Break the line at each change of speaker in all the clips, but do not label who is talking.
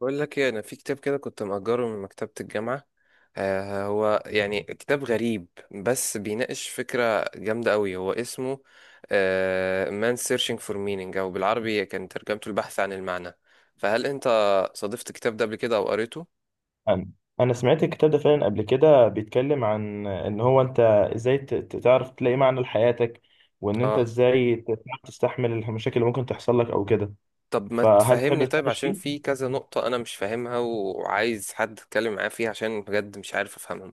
بقول لك ايه، انا في كتاب كده كنت مأجره من مكتبة الجامعة. هو يعني كتاب غريب بس بيناقش فكرة جامدة قوي، هو اسمه Man Searching for Meaning، او بالعربي كان ترجمته البحث عن المعنى. فهل انت صادفت الكتاب ده قبل كده او قريته؟
أنا أنا سمعت الكتاب ده فعلا قبل كده، بيتكلم عن إن هو أنت إزاي تعرف تلاقي معنى لحياتك، وإن أنت
اه.
إزاي تعرف تستحمل المشاكل اللي ممكن تحصل لك أو كده.
طب ما
فهل تحب
تفهمني طيب،
تتناقش
عشان
فيه؟
في كذا نقطة انا مش فاهمها وعايز حد اتكلم معاه فيها عشان بجد مش عارف افهمهم.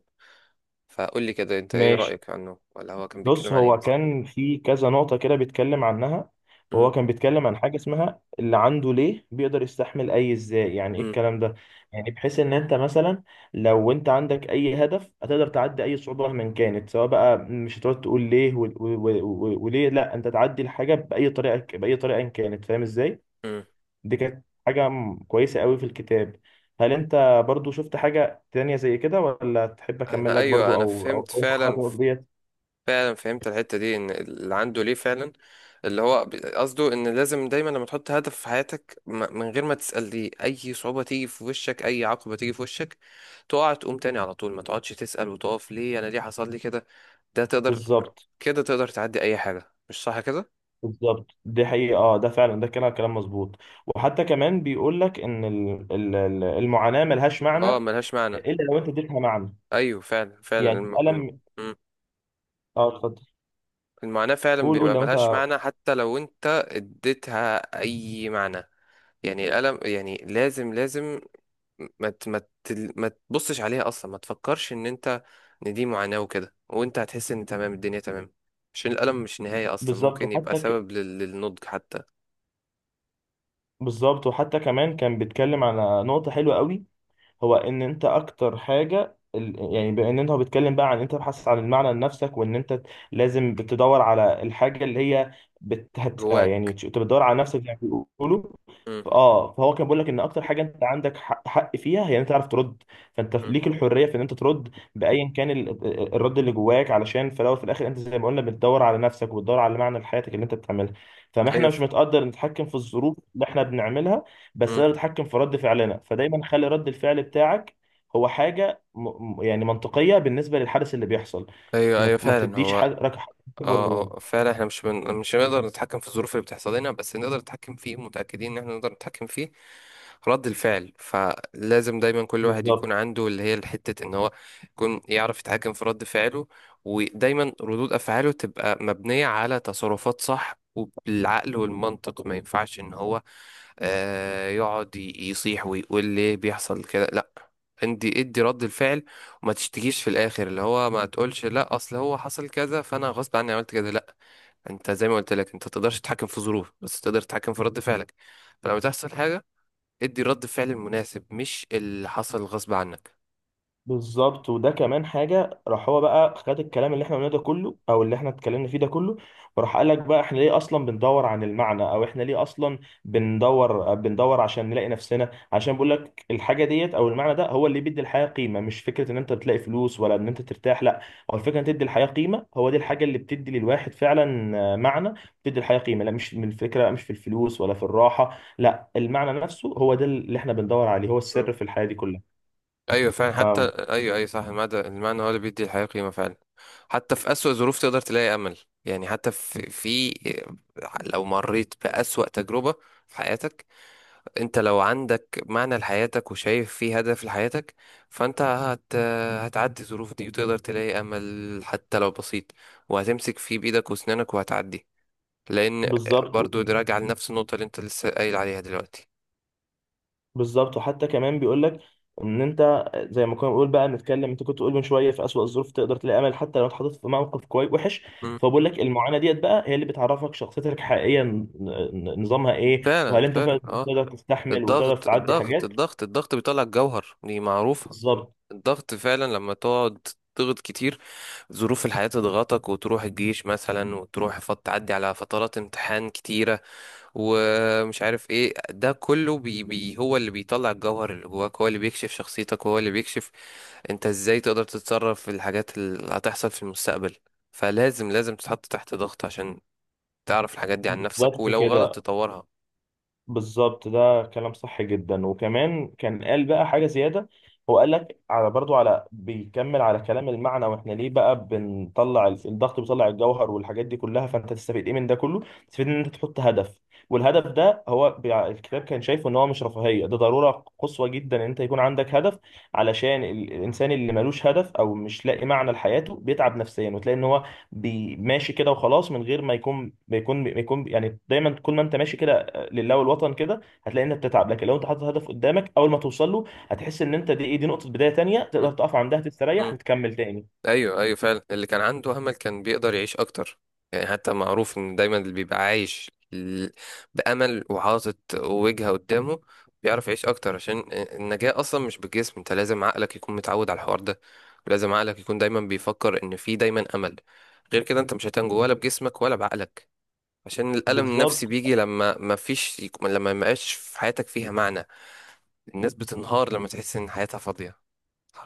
فقول لي كده، انت ايه
ماشي.
رأيك عنه، ولا هو كان
بص
بيتكلم عن ايه
هو
مثلا؟
كان في كذا نقطة كده بيتكلم عنها، وهو كان بيتكلم عن حاجة اسمها اللي عنده ليه بيقدر يستحمل أي إزاي، يعني إيه
امم
الكلام ده؟ يعني بحيث إن أنت مثلا لو أنت عندك أي هدف هتقدر تعدي أي صعوبة مهما كانت، سواء بقى مش هتقعد تقول ليه وليه، لأ، أنت تعدي الحاجة بأي طريقة بأي طريقة إن كانت، فاهم إزاي؟ دي كانت حاجة كويسة قوي في الكتاب. هل أنت برضو شفت حاجة تانية زي كده، ولا تحب أكمل
انا،
لك
ايوه،
برضو
انا
أو أو
فهمت
أو أنت
فعلا.
حاجة ديت؟
فعلا فهمت الحته دي، ان اللي عنده ليه فعلا. اللي هو قصده ان لازم دايما لما تحط هدف في حياتك، من غير ما تسال ليه، اي صعوبه تيجي في وشك، اي عقبه تيجي في وشك، تقع تقوم تاني على طول، ما تقعدش تسال وتقف ليه انا، ليه حصل لي كده. ده تقدر
بالظبط.
كده تقدر تعدي اي حاجه، مش صح كده؟
بالظبط دي حقيقة، اه، ده فعلا ده كلام كلام مظبوط. وحتى كمان بيقول لك ان المعاناة ملهاش معنى،
اه، ملهاش معنى.
الا لو انت اديتها معنى.
ايوه فعلا. فعلا
يعني
الم... م- م-
اه، اتفضل.
المعاناه فعلا
قول قول
بيبقى
لو انت.
ملهاش معنى حتى لو انت اديتها اي معنى. يعني القلم يعني لازم لازم، ما تبصش عليها اصلا، ما تفكرش ان انت ان دي معاناة وكده، وانت هتحس ان تمام الدنيا تمام. عشان الألم مش نهاية اصلا،
بالظبط
ممكن يبقى
وحتى ك...
سبب للنضج حتى.
بالظبط وحتى كمان كان بيتكلم على نقطة حلوة قوي، هو ان انت اكتر حاجه يعني، بان انت هو بيتكلم بقى عن انت تبحث عن المعنى لنفسك، وان انت لازم بتدور على الحاجه اللي هي بت... هت... آه
جواك.
يعني انت بتدور على نفسك زي ما بيقولوا.
مم.
فهو كان بيقول لك ان اكتر حاجه انت عندك حق فيها هي ان انت تعرف ترد. فانت
مم.
ليك الحريه في ان انت ترد بايا كان الرد اللي جواك، علشان في الاول في الاخر انت زي ما قلنا بتدور على نفسك وبتدور على معنى لحياتك اللي انت بتعملها. فما احنا
ايوه
مش متقدر نتحكم في الظروف اللي احنا بنعملها، بس
مم.
تقدر تتحكم في رد فعلنا، فدايما خلي رد الفعل بتاعك هو حاجه يعني منطقيه بالنسبه للحدث اللي بيحصل.
ايوه، ايوه
ما
فعلا
تديش
هو.
حد اكبر من
اه.
ده.
اه فعلا احنا مش بن... مش هنقدر نتحكم في الظروف اللي بتحصل لنا، بس نقدر نتحكم فيه، متأكدين ان احنا نقدر نتحكم فيه رد الفعل. فلازم دايما كل واحد يكون
بالظبط.
عنده اللي هي الحتة، ان هو يكون يعرف يتحكم في رد فعله. ودايما ردود افعاله تبقى مبنية على تصرفات صح وبالعقل والمنطق. ما ينفعش ان هو يقعد يصيح ويقول ليه بيحصل كده، لا. عندي ادي رد الفعل. ما تشتكيش في الاخر، اللي هو ما تقولش لا اصل هو حصل كذا فانا غصب عني عملت كذا، لا. انت زي ما قلت لك، انت تقدرش تتحكم في ظروف بس تقدر تتحكم في رد فعلك. فلما تحصل حاجه ادي رد فعل مناسب، مش اللي حصل غصب عنك.
بالظبط وده كمان حاجه، راح هو بقى خد الكلام اللي احنا قلناه ده كله او اللي احنا اتكلمنا فيه ده كله، وراح قال لك بقى احنا ليه اصلا بندور عن المعنى، او احنا ليه اصلا بندور عشان نلاقي نفسنا، عشان بقول لك الحاجه ديت او المعنى ده هو اللي بيدي الحياه قيمه، مش فكره ان انت بتلاقي فلوس ولا ان انت ترتاح، لا، هو الفكره ان تدي الحياه قيمه، هو دي الحاجه اللي بتدي للواحد فعلا معنى. بتدي الحياه قيمه، لا، مش من الفكره، مش في الفلوس ولا في الراحه، لا، المعنى نفسه هو ده اللي احنا بندور عليه، هو
مم.
السر في الحياه دي كلها.
ايوه فعلا،
ف
حتى. ايوه ايوه صح، المعنى، المعنى هو اللي بيدي الحياه قيمه فعلا. حتى في اسوأ ظروف تقدر تلاقي امل. يعني حتى في لو مريت بأسوأ تجربه في حياتك، انت لو عندك معنى لحياتك وشايف في هدف لحياتك، فانت هت... هتعدي الظروف دي وتقدر تلاقي امل حتى لو بسيط، وهتمسك فيه بايدك واسنانك وهتعدي، لان
بالظبط.
برضو ده راجع لنفس النقطة اللي انت لسه قايل عليها دلوقتي.
بالظبط وحتى كمان بيقول لك ان انت زي ما كنا بنقول بقى نتكلم، انت كنت تقول من شويه في اسوأ الظروف تقدر تلاقي امل حتى لو اتحطيت في موقف كويس وحش.
مم.
فبقول لك المعاناه ديت بقى هي اللي بتعرفك شخصيتك حقيقيا، نظامها ايه، وهل
فعلا
انت
فعلا
فعلا
اه.
تقدر تستحمل وتقدر
الضغط،
تعدي
الضغط،
حاجات.
الضغط، الضغط بيطلع الجوهر، دي معروفة.
بالظبط.
الضغط فعلا لما تقعد تضغط كتير، ظروف الحياة تضغطك وتروح الجيش مثلا، وتروح تعدي على فترات امتحان كتيرة، ومش عارف ايه ده كله، بي بي هو اللي بيطلع الجوهر اللي جواك، هو اللي بيكشف شخصيتك، وهو اللي بيكشف انت ازاي تقدر تتصرف في الحاجات اللي هتحصل في المستقبل. فلازم لازم تتحط تحت ضغط عشان تعرف الحاجات دي عن نفسك،
بالظبط
ولو غلط
كده.
تطورها.
بالظبط ده كلام صح جدا، وكمان كان قال بقى حاجة زيادة. هو قال لك على برضو، على بيكمل على كلام المعنى، واحنا ليه بقى بنطلع الضغط بيطلع الجوهر والحاجات دي كلها، فانت تستفيد ايه من ده كله؟ تستفيد ان انت تحط هدف، والهدف ده هو الكتاب كان شايفه ان هو مش رفاهية، ده ضرورة قصوى جدا ان انت يكون عندك هدف، علشان الانسان اللي ملوش هدف او مش لاقي معنى لحياته بيتعب نفسيا، وتلاقي ان هو ماشي كده وخلاص، من غير ما يكون بيكون يعني، دايما طول ما انت ماشي كده لله والوطن كده، هتلاقي انك بتتعب. لكن لو انت حاطط هدف قدامك، اول ما توصل له هتحس ان انت دي نقطه بدايه تانية
م-
تقدر تقف عندها
م.
تستريح وتكمل تاني.
ايوه ايوه فعلا، اللي كان عنده امل كان بيقدر يعيش اكتر. يعني حتى معروف ان دايما اللي بيبقى عايش بامل وحاطط وجهه قدامه بيعرف يعيش اكتر، عشان النجاه اصلا مش بالجسم. انت لازم عقلك يكون متعود على الحوار ده، ولازم عقلك يكون دايما بيفكر ان في دايما امل. غير كده انت مش هتنجو ولا بجسمك ولا بعقلك، عشان الالم
بالظبط.
النفسي بيجي لما ما فيش لما ما يبقاش في حياتك فيها معنى. الناس بتنهار لما تحس ان حياتها فاضيه.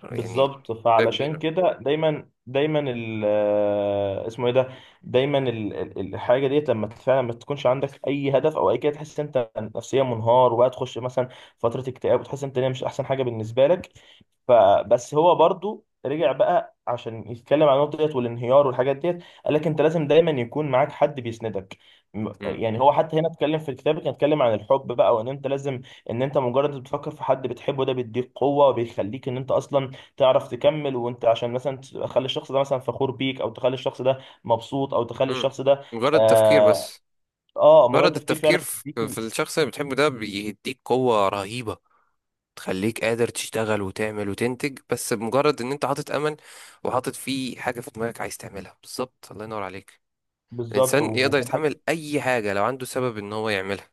يعني
بالظبط فعلشان
كبيره.
كده دايما دايما ال آه، اسمه ايه ده دايما الحاجه ديت لما فعلا ما تكونش عندك اي هدف او اي كده، تحس إن انت نفسيا منهار، وبقى تخش مثلا فتره اكتئاب، وتحس إن انت مش احسن حاجه بالنسبه لك. فبس هو برضو رجع بقى عشان يتكلم عن النقطه ديت والانهيار والحاجات ديت، قال لك انت لازم دايما يكون معاك حد بيسندك. يعني هو حتى هنا اتكلم في الكتاب، كان اتكلم عن الحب بقى، وان انت لازم ان انت مجرد بتفكر في حد بتحبه، ده بيديك قوه وبيخليك ان انت اصلا تعرف تكمل، وانت عشان مثلا تخلي الشخص ده مثلا فخور بيك، او تخلي الشخص ده مبسوط، او تخلي
مم.
الشخص ده.
مجرد التفكير
اه،
بس،
آه، مجرد
مجرد
تفكير
التفكير
فعلا
في
بيك.
الشخص اللي بتحبه ده بيديك قوة رهيبة، تخليك قادر تشتغل وتعمل وتنتج، بس بمجرد ان انت حاطط امل وحاطط فيه حاجة في دماغك عايز تعملها. بالظبط، الله ينور عليك.
بالظبط
الانسان يقدر
وفي الحاجه.
يتحمل اي حاجة لو عنده سبب ان هو يعملها،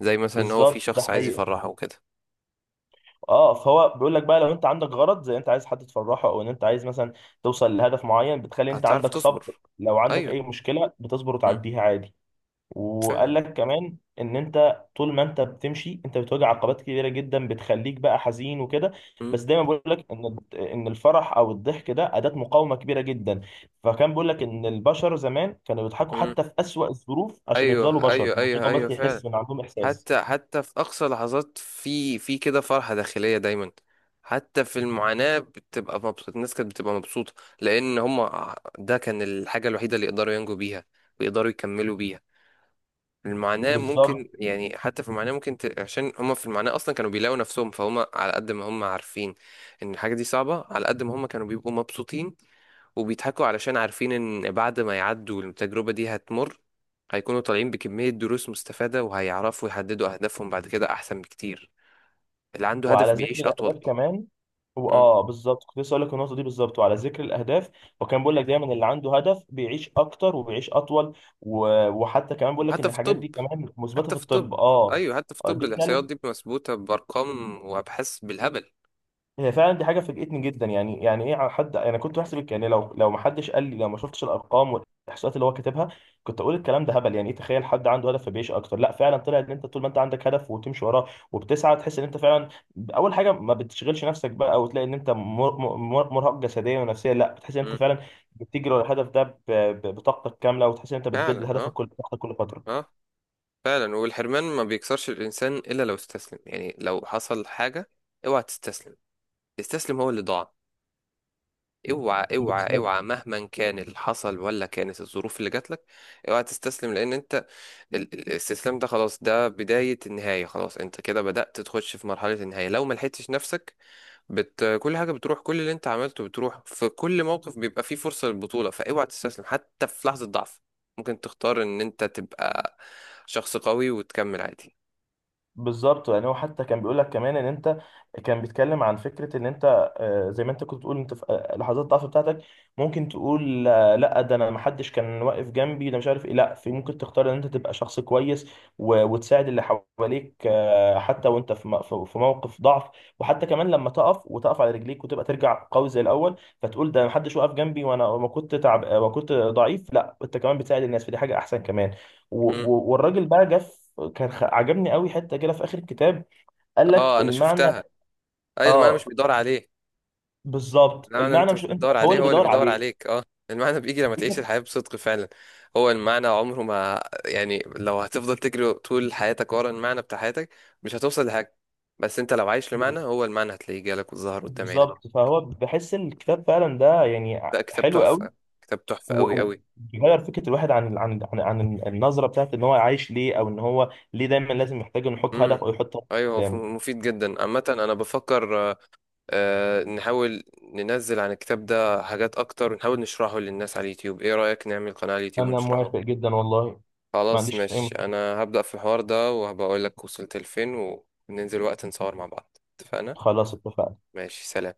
زي مثلا ان هو في
بالظبط ده
شخص عايز
حقيقه.
يفرحه وكده.
اه، فهو بيقول لك بقى لو انت عندك غرض زي انت عايز حد تفرحه، او ان انت عايز مثلا توصل لهدف معين، بتخلي انت
هتعرف
عندك
تصبر.
صبر، لو عندك
ايوه.
اي مشكله بتصبر
مم.
وتعديها عادي. وقال
فعلا.
لك كمان ان انت طول ما انت بتمشي انت بتواجه عقبات كبيره جدا بتخليك بقى حزين وكده.
مم.
بس دايما بقول لك ان الفرح او الضحك ده اداه مقاومه كبيره جدا. فكان بيقول لك ان البشر زمان كانوا بيضحكوا
مم.
حتى في اسوأ الظروف، عشان يفضلوا
ايوه
بشر،
ايوه
الموضوع
ايوه
ده
ايوه
بس
فعلا.
يحس ان عندهم احساس.
حتى في أقصى لحظات، في كده فرحة داخلية دايما. حتى في المعاناة بتبقى مبسوط، الناس كانت بتبقى مبسوطة، لأن هما ده كان الحاجة الوحيدة اللي يقدروا ينجوا بيها ويقدروا يكملوا بيها. المعاناة
بالظبط
ممكن، يعني حتى في المعاناة ممكن عشان هما في المعاناة أصلا كانوا بيلاقوا نفسهم، فهم على قد ما هما عارفين إن الحاجة دي صعبة، على قد ما هما كانوا بيبقوا مبسوطين وبيضحكوا، علشان عارفين ان بعد ما يعدوا التجربة دي هتمر، هيكونوا طالعين بكمية دروس مستفادة، وهيعرفوا يحددوا أهدافهم بعد كده أحسن بكتير. اللي عنده
وعلى
هدف
ذكر
بيعيش أطول.
الاهداف كمان. هو،
مم.
اه، بالظبط كنت لسه اقول لك النقطه دي بالظبط، وعلى ذكر الاهداف وكان بيقول لك دايما اللي عنده هدف بيعيش اكتر وبيعيش اطول. وحتى كمان بيقول لك ان
وحتى في
الحاجات
الطب.
دي كمان مثبته
حتى
في
في الطب.
الطب. اه.
أيوه، حتى في الطب
دي
الإحصائيات دي مثبوتة بأرقام وأبحاث بالهبل.
هي فعلا دي حاجه فاجئتني جدا، يعني ايه على حد؟ انا كنت بحسب يعني لو ما حدش قال لي، لو ما شفتش الارقام والاحصائيات اللي هو كاتبها، كنت اقول الكلام ده هبل، يعني ايه تخيل حد عنده هدف فبيعيش اكتر؟ لا فعلا طلع ان انت طول ما انت عندك هدف وتمشي وراه وبتسعى، تحس ان انت فعلا اول حاجه ما بتشغلش نفسك بقى، وتلاقي ان انت مرهق جسديا ونفسيا، لا، بتحس ان انت
مم.
فعلا بتجري ورا الهدف ده بطاقتك كامله، وتحس ان انت بتجدد
فعلا
هدفك
اه.
كل بطاقتك كل فتره.
اه فعلا، والحرمان ما بيكسرش الإنسان إلا لو استسلم. يعني لو حصل حاجة اوعى تستسلم، تستسلم هو اللي ضاع. اوعى اوعى
بالظبط.
اوعى، مهما كان اللي حصل، ولا كانت الظروف اللي جات لك، اوعى تستسلم، لان انت الاستسلام ده خلاص، ده بداية النهاية، خلاص انت كده بدأت تخش في مرحلة النهاية لو ما لحقتش نفسك. كل حاجة بتروح، كل اللي انت عملته بتروح، في كل موقف بيبقى فيه فرصة للبطولة، فاوعى تستسلم. حتى في لحظة ضعف ممكن تختار ان انت تبقى شخص قوي وتكمل عادي.
بالظبط يعني هو حتى كان بيقول لك كمان ان انت، كان بيتكلم عن فكره ان انت، زي ما انت كنت بتقول، انت في لحظات الضعف بتاعتك ممكن تقول لا ده انا ما حدش كان واقف جنبي ده مش عارف ايه، لا في، ممكن تختار ان انت تبقى شخص كويس وتساعد اللي حواليك حتى وانت في موقف ضعف. وحتى كمان لما تقف وتقف على رجليك وتبقى ترجع قوي زي الاول، فتقول ده ما حدش واقف جنبي وانا ما كنت تعب وكنت ضعيف، لا، انت كمان بتساعد الناس، فدي حاجه احسن كمان.
مم.
والراجل بقى جه كان عجبني قوي حته كده في اخر الكتاب. قال لك
اه، انا
المعنى.
شفتها. اي ما انا مش
اه،
بيدور عليه.
بالظبط،
المعنى
المعنى
انت
مش
مش
انت
بتدور
هو
عليه،
اللي
هو اللي
بيدور
بيدور
عليه.
عليك. اه، المعنى بيجي لما
دي
تعيش
كانت-
الحياة بصدق فعلا. هو المعنى عمره ما، يعني لو هتفضل تجري طول حياتك ورا المعنى بتاع حياتك مش هتوصل لحاجة. بس انت لو عايش لمعنى، هو المعنى هتلاقيه جالك وظهر قدام عينك.
بالظبط، فهو بحس إن الكتاب فعلا ده يعني
ده كتاب
حلو قوي،
تحفة، كتاب تحفة قوي قوي.
بيغير فكره الواحد عن, النظره بتاعت ان هو عايش ليه، او ان هو ليه دايما لازم يحتاج انه يحط
امم
هدف او يحط هدف
ايوه، هو
قدامه.
مفيد جدا عامة. انا بفكر نحاول ننزل عن الكتاب ده حاجات اكتر، ونحاول نشرحه للناس على اليوتيوب. ايه رأيك نعمل قناة على اليوتيوب
انا موافق
ونشرحه؟
جدا والله. ما
خلاص
عنديش اي
ماشي،
مشكله.
انا هبدأ في الحوار ده وهبقول لك وصلت لفين، وننزل وقت نصور مع بعض. اتفقنا.
خلاص اتفقنا.
ماشي، سلام.